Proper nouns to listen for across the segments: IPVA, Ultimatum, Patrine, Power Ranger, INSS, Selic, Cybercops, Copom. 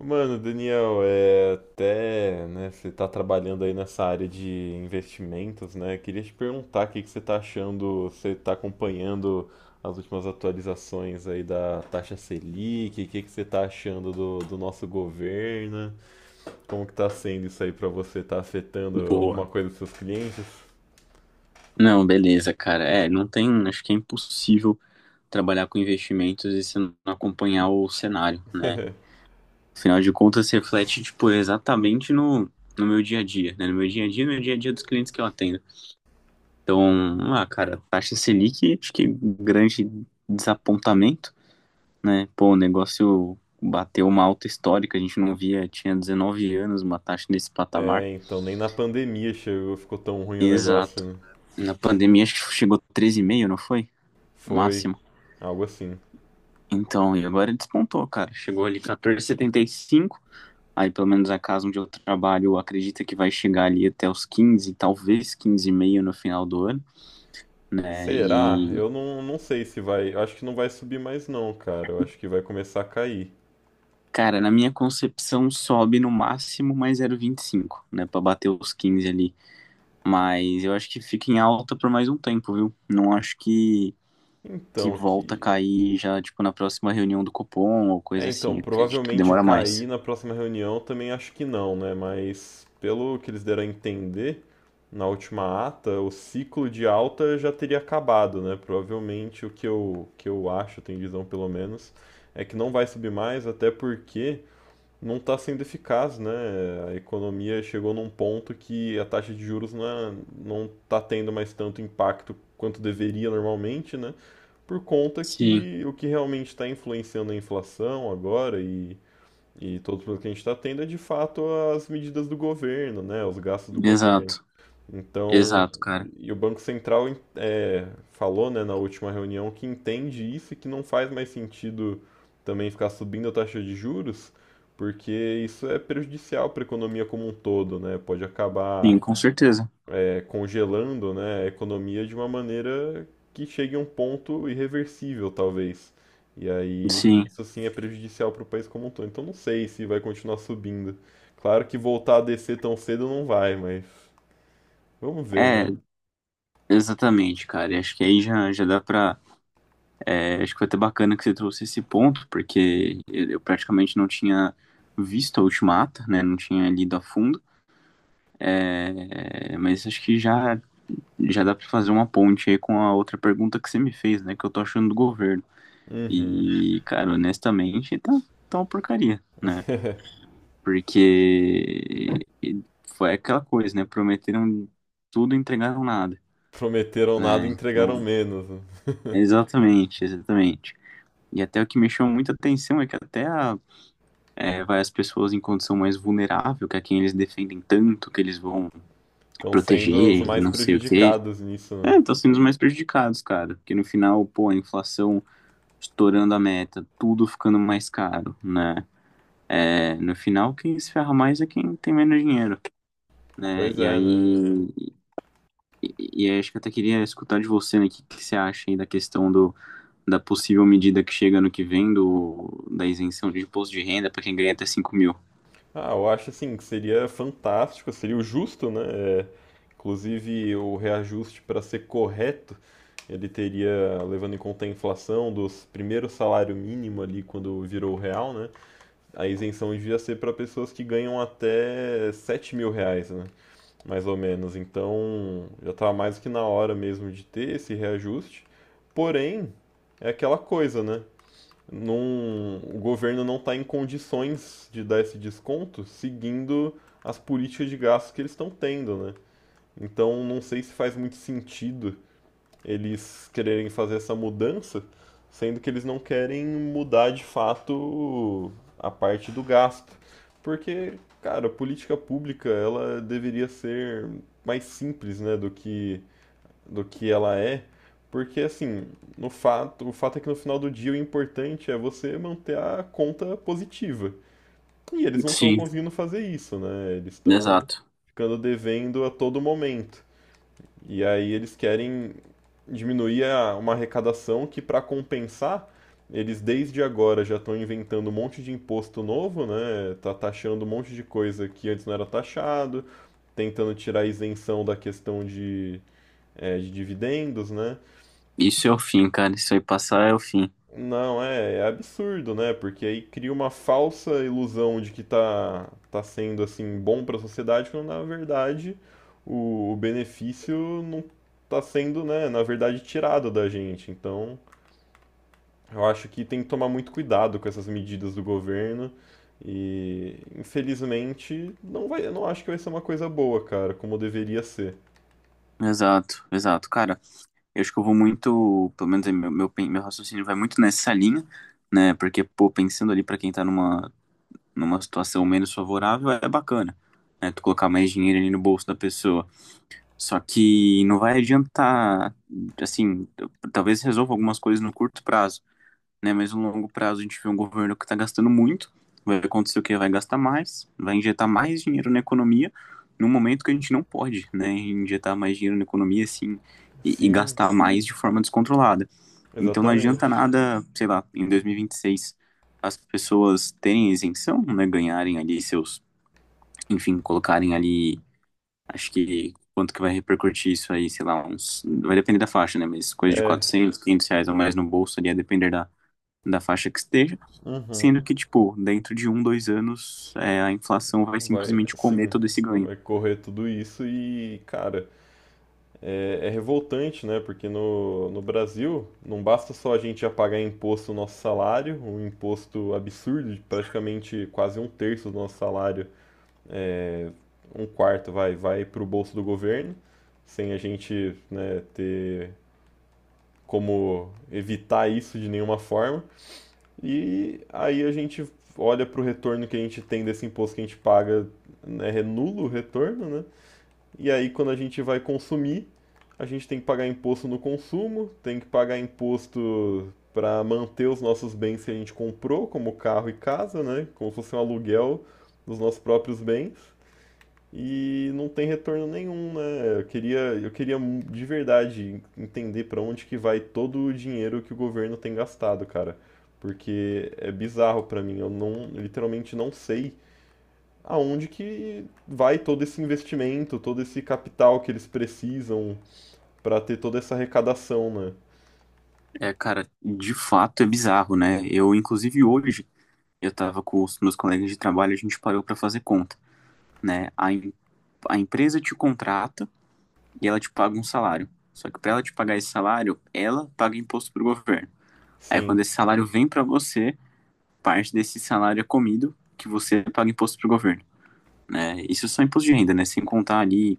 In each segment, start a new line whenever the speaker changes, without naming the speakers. Mano, Daniel, né, você tá trabalhando aí nessa área de investimentos, né? Queria te perguntar o que que você tá achando. Você tá acompanhando as últimas atualizações aí da taxa Selic? O que que você tá achando do nosso governo? Como que tá sendo isso aí pra você? Tá afetando
Boa.
alguma coisa dos seus clientes?
Não, beleza, cara. É, não tem, acho que é impossível trabalhar com investimentos e você não acompanhar o cenário, né? Afinal de contas, se reflete, tipo, exatamente no meu dia a dia, né? No meu dia a dia, No meu dia a dia dos clientes que eu atendo. Então, ah, cara, taxa Selic, acho que grande desapontamento, né? Pô, o negócio bateu uma alta histórica, a gente não via, tinha 19 anos uma taxa nesse patamar.
É, então, nem na pandemia chegou, ficou tão ruim o negócio,
Exato.
né?
Na pandemia, acho que chegou 13,5, não foi? O
Foi
máximo.
algo assim.
Então, e agora ele despontou, cara. Chegou ali 14,75. Aí, pelo menos a casa onde eu trabalho acredita que vai chegar ali até os 15, talvez 15,5 no final do ano, né?
Será?
E,
Eu não sei se vai. Eu acho que não vai subir mais não, cara. Eu acho que vai começar a cair.
cara, na minha concepção sobe no máximo mais 0,25, né? Pra bater os 15 ali. Mas eu acho que fica em alta por mais um tempo, viu? Não acho que
Então,
volta a
que.
cair já, tipo, na próxima reunião do Copom ou
É,
coisa
então,
assim. Acredito que
provavelmente
demora
cair
mais.
na próxima reunião também acho que não, né? Mas pelo que eles deram a entender, na última ata, o ciclo de alta já teria acabado, né? Provavelmente o que eu acho, tenho visão pelo menos, é que não vai subir mais, até porque não está sendo eficaz, né? A economia chegou num ponto que a taxa de juros não está tendo mais tanto impacto quanto deveria normalmente, né? Por conta
Sim,
que o que realmente está influenciando a inflação e todo o problemas que a gente está tendo é de fato as medidas do governo, né? Os gastos do governo.
exato.
Então,
Exato, cara.
e o Banco Central falou, né, na última reunião que entende isso e que não faz mais sentido também ficar subindo a taxa de juros, porque isso é prejudicial para a economia como um todo, né? Pode acabar
Sim, com certeza.
congelando, né, a economia de uma maneira que chegue a um ponto irreversível, talvez. E aí,
Sim,
isso sim é prejudicial para o país como um todo. Então, não sei se vai continuar subindo. Claro que voltar a descer tão cedo não vai, mas vamos ver, né?
é, exatamente, cara. E acho que aí já, já dá pra. Acho que foi até bacana que você trouxe esse ponto, porque eu praticamente não tinha visto a Ultimata, né? Não tinha lido a fundo. É, mas acho que já, já dá pra fazer uma ponte aí com a outra pergunta que você me fez, né? Que eu tô achando do governo.
Uhum.
E, cara, honestamente, tá uma porcaria, né? Porque foi aquela coisa, né? Prometeram tudo e entregaram nada,
Prometeram nada
né?
e entregaram
Então.
menos, né?
Exatamente, exatamente. E até o que me chama muita atenção é que até vai as pessoas em condição mais vulnerável, que é quem eles defendem tanto, que eles vão
Estão sendo os
proteger, e
mais
não sei o quê.
prejudicados nisso,
É,
né?
estão sendo os mais prejudicados, cara. Porque no final, pô, a inflação estourando a meta, tudo ficando mais caro, né? É, no final, quem se ferra mais é quem tem menos dinheiro, né?
Pois
E
é,
aí,
né?
e, e aí acho que eu até queria escutar de você, né, o que, que você acha aí da questão da possível medida que chega ano que vem da isenção de imposto de renda para quem ganha até 5.000.
Ah, eu acho assim que seria fantástico, seria o justo, né? É, inclusive o reajuste para ser correto, ele teria, levando em conta a inflação dos primeiros salário mínimo ali quando virou real, né? A isenção devia ser para pessoas que ganham até 7 mil reais, né? Mais ou menos. Então, já estava mais do que na hora mesmo de ter esse reajuste. Porém, é aquela coisa, né? Não, o governo não está em condições de dar esse desconto seguindo as políticas de gastos que eles estão tendo, né? Então, não sei se faz muito sentido eles quererem fazer essa mudança, sendo que eles não querem mudar de fato a parte do gasto. Porque, cara, a política pública ela deveria ser mais simples, né, do que ela é, porque assim, no fato, o fato é que no final do dia o importante é você manter a conta positiva. E eles não estão
Sim,
conseguindo fazer isso, né? Eles estão
exato.
ficando devendo a todo momento. E aí eles querem uma arrecadação que, para compensar, eles desde agora já estão inventando um monte de imposto novo, né? Tá taxando um monte de coisa que antes não era taxado, tentando tirar a isenção da questão de dividendos, né?
Isso é o fim, cara. Isso aí passar é o fim.
Não, é absurdo, né? Porque aí cria uma falsa ilusão de que tá sendo assim bom para a sociedade, quando na verdade o benefício não tá sendo, né, na verdade tirado da gente. Então, eu acho que tem que tomar muito cuidado com essas medidas do governo e infelizmente não vai, eu não acho que vai ser uma coisa boa, cara, como deveria ser.
Exato, exato. Cara, eu acho que eu vou muito, pelo menos é meu raciocínio vai muito nessa linha, né? Porque, pô, pensando ali para quem tá numa situação menos favorável, é bacana, né? Tu colocar mais dinheiro ali no bolso da pessoa. Só que não vai adiantar, assim, talvez resolva algumas coisas no curto prazo, né? Mas no longo prazo a gente vê um governo que está gastando muito, vai acontecer o quê? Vai gastar mais, vai injetar mais dinheiro na economia, num momento que a gente não pode, né? Injetar mais dinheiro na economia, assim, e
Sim,
gastar mais de forma descontrolada. Então não adianta
exatamente.
nada, sei lá, em 2026 as pessoas terem isenção, né? Ganharem ali seus, enfim, colocarem ali, acho que quanto que vai repercutir isso aí, sei lá, vai depender da faixa, né? Mas coisa de
É.
400 500 reais ou mais no bolso ali, a depender da faixa que esteja.
Uhum.
Sendo que, tipo, dentro de um, dois anos, a inflação vai
Vai,
simplesmente comer
sim,
todo esse ganho.
vai correr tudo isso e, cara, é revoltante, né? Porque no Brasil não basta só a gente já pagar imposto no nosso salário, um imposto absurdo, de praticamente quase um terço do nosso salário, um quarto vai para o bolso do governo, sem a gente, né, ter como evitar isso de nenhuma forma. E aí a gente olha para o retorno que a gente tem desse imposto que a gente paga, né, é nulo o retorno, né? E aí, quando a gente vai consumir, a gente tem que pagar imposto no consumo, tem que pagar imposto para manter os nossos bens que a gente comprou, como carro e casa, né? Como se fosse um aluguel dos nossos próprios bens. E não tem retorno nenhum, né? Eu queria de verdade entender para onde que vai todo o dinheiro que o governo tem gastado, cara. Porque é bizarro para mim, eu não, literalmente não sei aonde que vai todo esse investimento, todo esse capital que eles precisam para ter toda essa arrecadação, né?
É, cara, de fato é bizarro, né? Eu, inclusive, hoje, eu tava com os meus colegas de trabalho, a gente parou pra fazer conta, né? A empresa te contrata e ela te paga um salário. Só que pra ela te pagar esse salário, ela paga imposto pro governo. Aí,
Sim,
quando esse salário vem pra você, parte desse salário é comido, que você paga imposto pro governo, né? Isso é só imposto de renda, né? Sem contar ali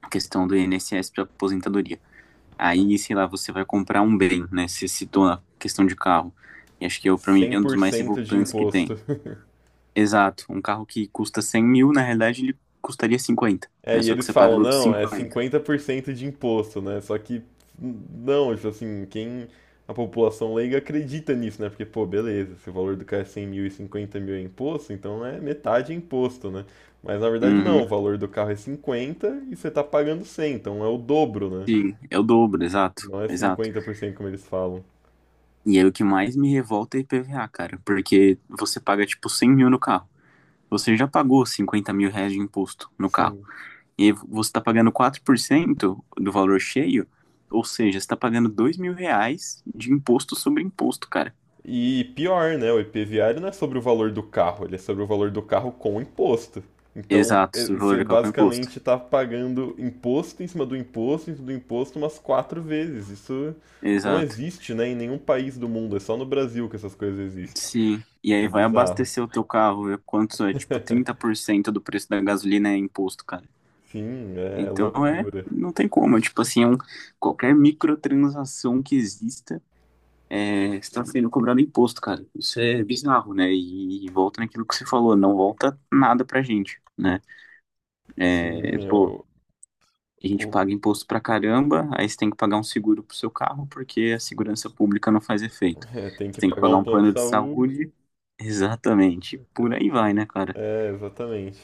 a questão do INSS pra aposentadoria. Aí, sei lá, você vai comprar um bem, né? Você citou a questão de carro. E acho que eu, pra mim,
cem
é um dos
por
mais
cento de
revoltantes que tem.
imposto.
Exato. Um carro que custa 100.000, na realidade, ele custaria cinquenta,
É,
né?
e
Só que
eles
você paga
falam,
outros
não, é
cinquenta.
50% de imposto, né? Só que, não, tipo assim, quem, a população leiga acredita nisso, né? Porque, pô, beleza, se o valor do carro é 100 mil e 50 mil é imposto, então é metade é imposto, né? Mas na verdade não,
Uhum.
o valor do carro é 50 e você tá pagando 100, então é o dobro, né?
Sim, é o dobro, exato.
Não é
Exato.
50% como eles falam.
E aí o que mais me revolta é IPVA, cara. Porque você paga, tipo, 100.000 no carro. Você já pagou 50.000 reais de imposto no carro.
Sim.
E você está pagando 4% do valor cheio, ou seja, você está pagando 2.000 reais de imposto sobre imposto, cara.
E pior, né? O IPVA ele não é sobre o valor do carro, ele é sobre o valor do carro com imposto. Então,
Exato, sobre o valor
você
de qualquer imposto.
basicamente está pagando imposto em cima do imposto, em cima do imposto umas quatro vezes. Isso não
Exato.
existe, né, em nenhum país do mundo. É só no Brasil que essas coisas existem.
Sim. E
É
aí vai
bizarro.
abastecer o teu carro, ver quanto é, tipo, trinta por cento do preço da gasolina é imposto, cara.
Sim, é
Então é,
loucura.
não tem como, é, tipo assim, é um, qualquer microtransação que exista é, está sendo cobrado imposto, cara. Isso é bizarro, né? E volta naquilo que você falou, não volta nada pra gente, né? É,
Sim,
pô, a gente
o-
paga imposto pra caramba, aí você tem que pagar um seguro pro seu carro, porque a segurança pública não faz efeito.
é, tem
Você
que
tem que
pagar
pagar
um
um
plano de
plano de
saúde.
saúde. Exatamente. Por aí vai, né, cara?
É, exatamente.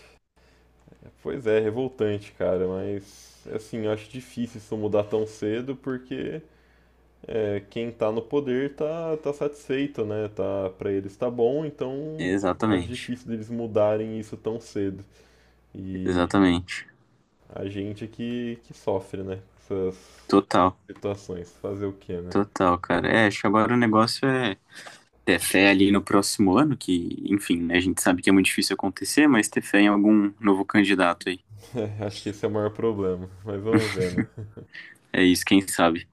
Pois é, revoltante, cara, mas assim, eu acho difícil isso mudar tão cedo porque quem tá no poder tá satisfeito, né? Tá, para eles tá bom, então acho
Exatamente.
difícil deles mudarem isso tão cedo. E
Exatamente.
a gente é que sofre, né? Com essas
Total.
situações. Fazer o quê, né?
Total, cara. É, acho que agora o negócio é ter fé ali no próximo ano, que, enfim, né, a gente sabe que é muito difícil acontecer, mas ter fé em algum novo candidato aí.
Acho que esse é o maior problema, mas vamos ver, né?
É isso, quem sabe.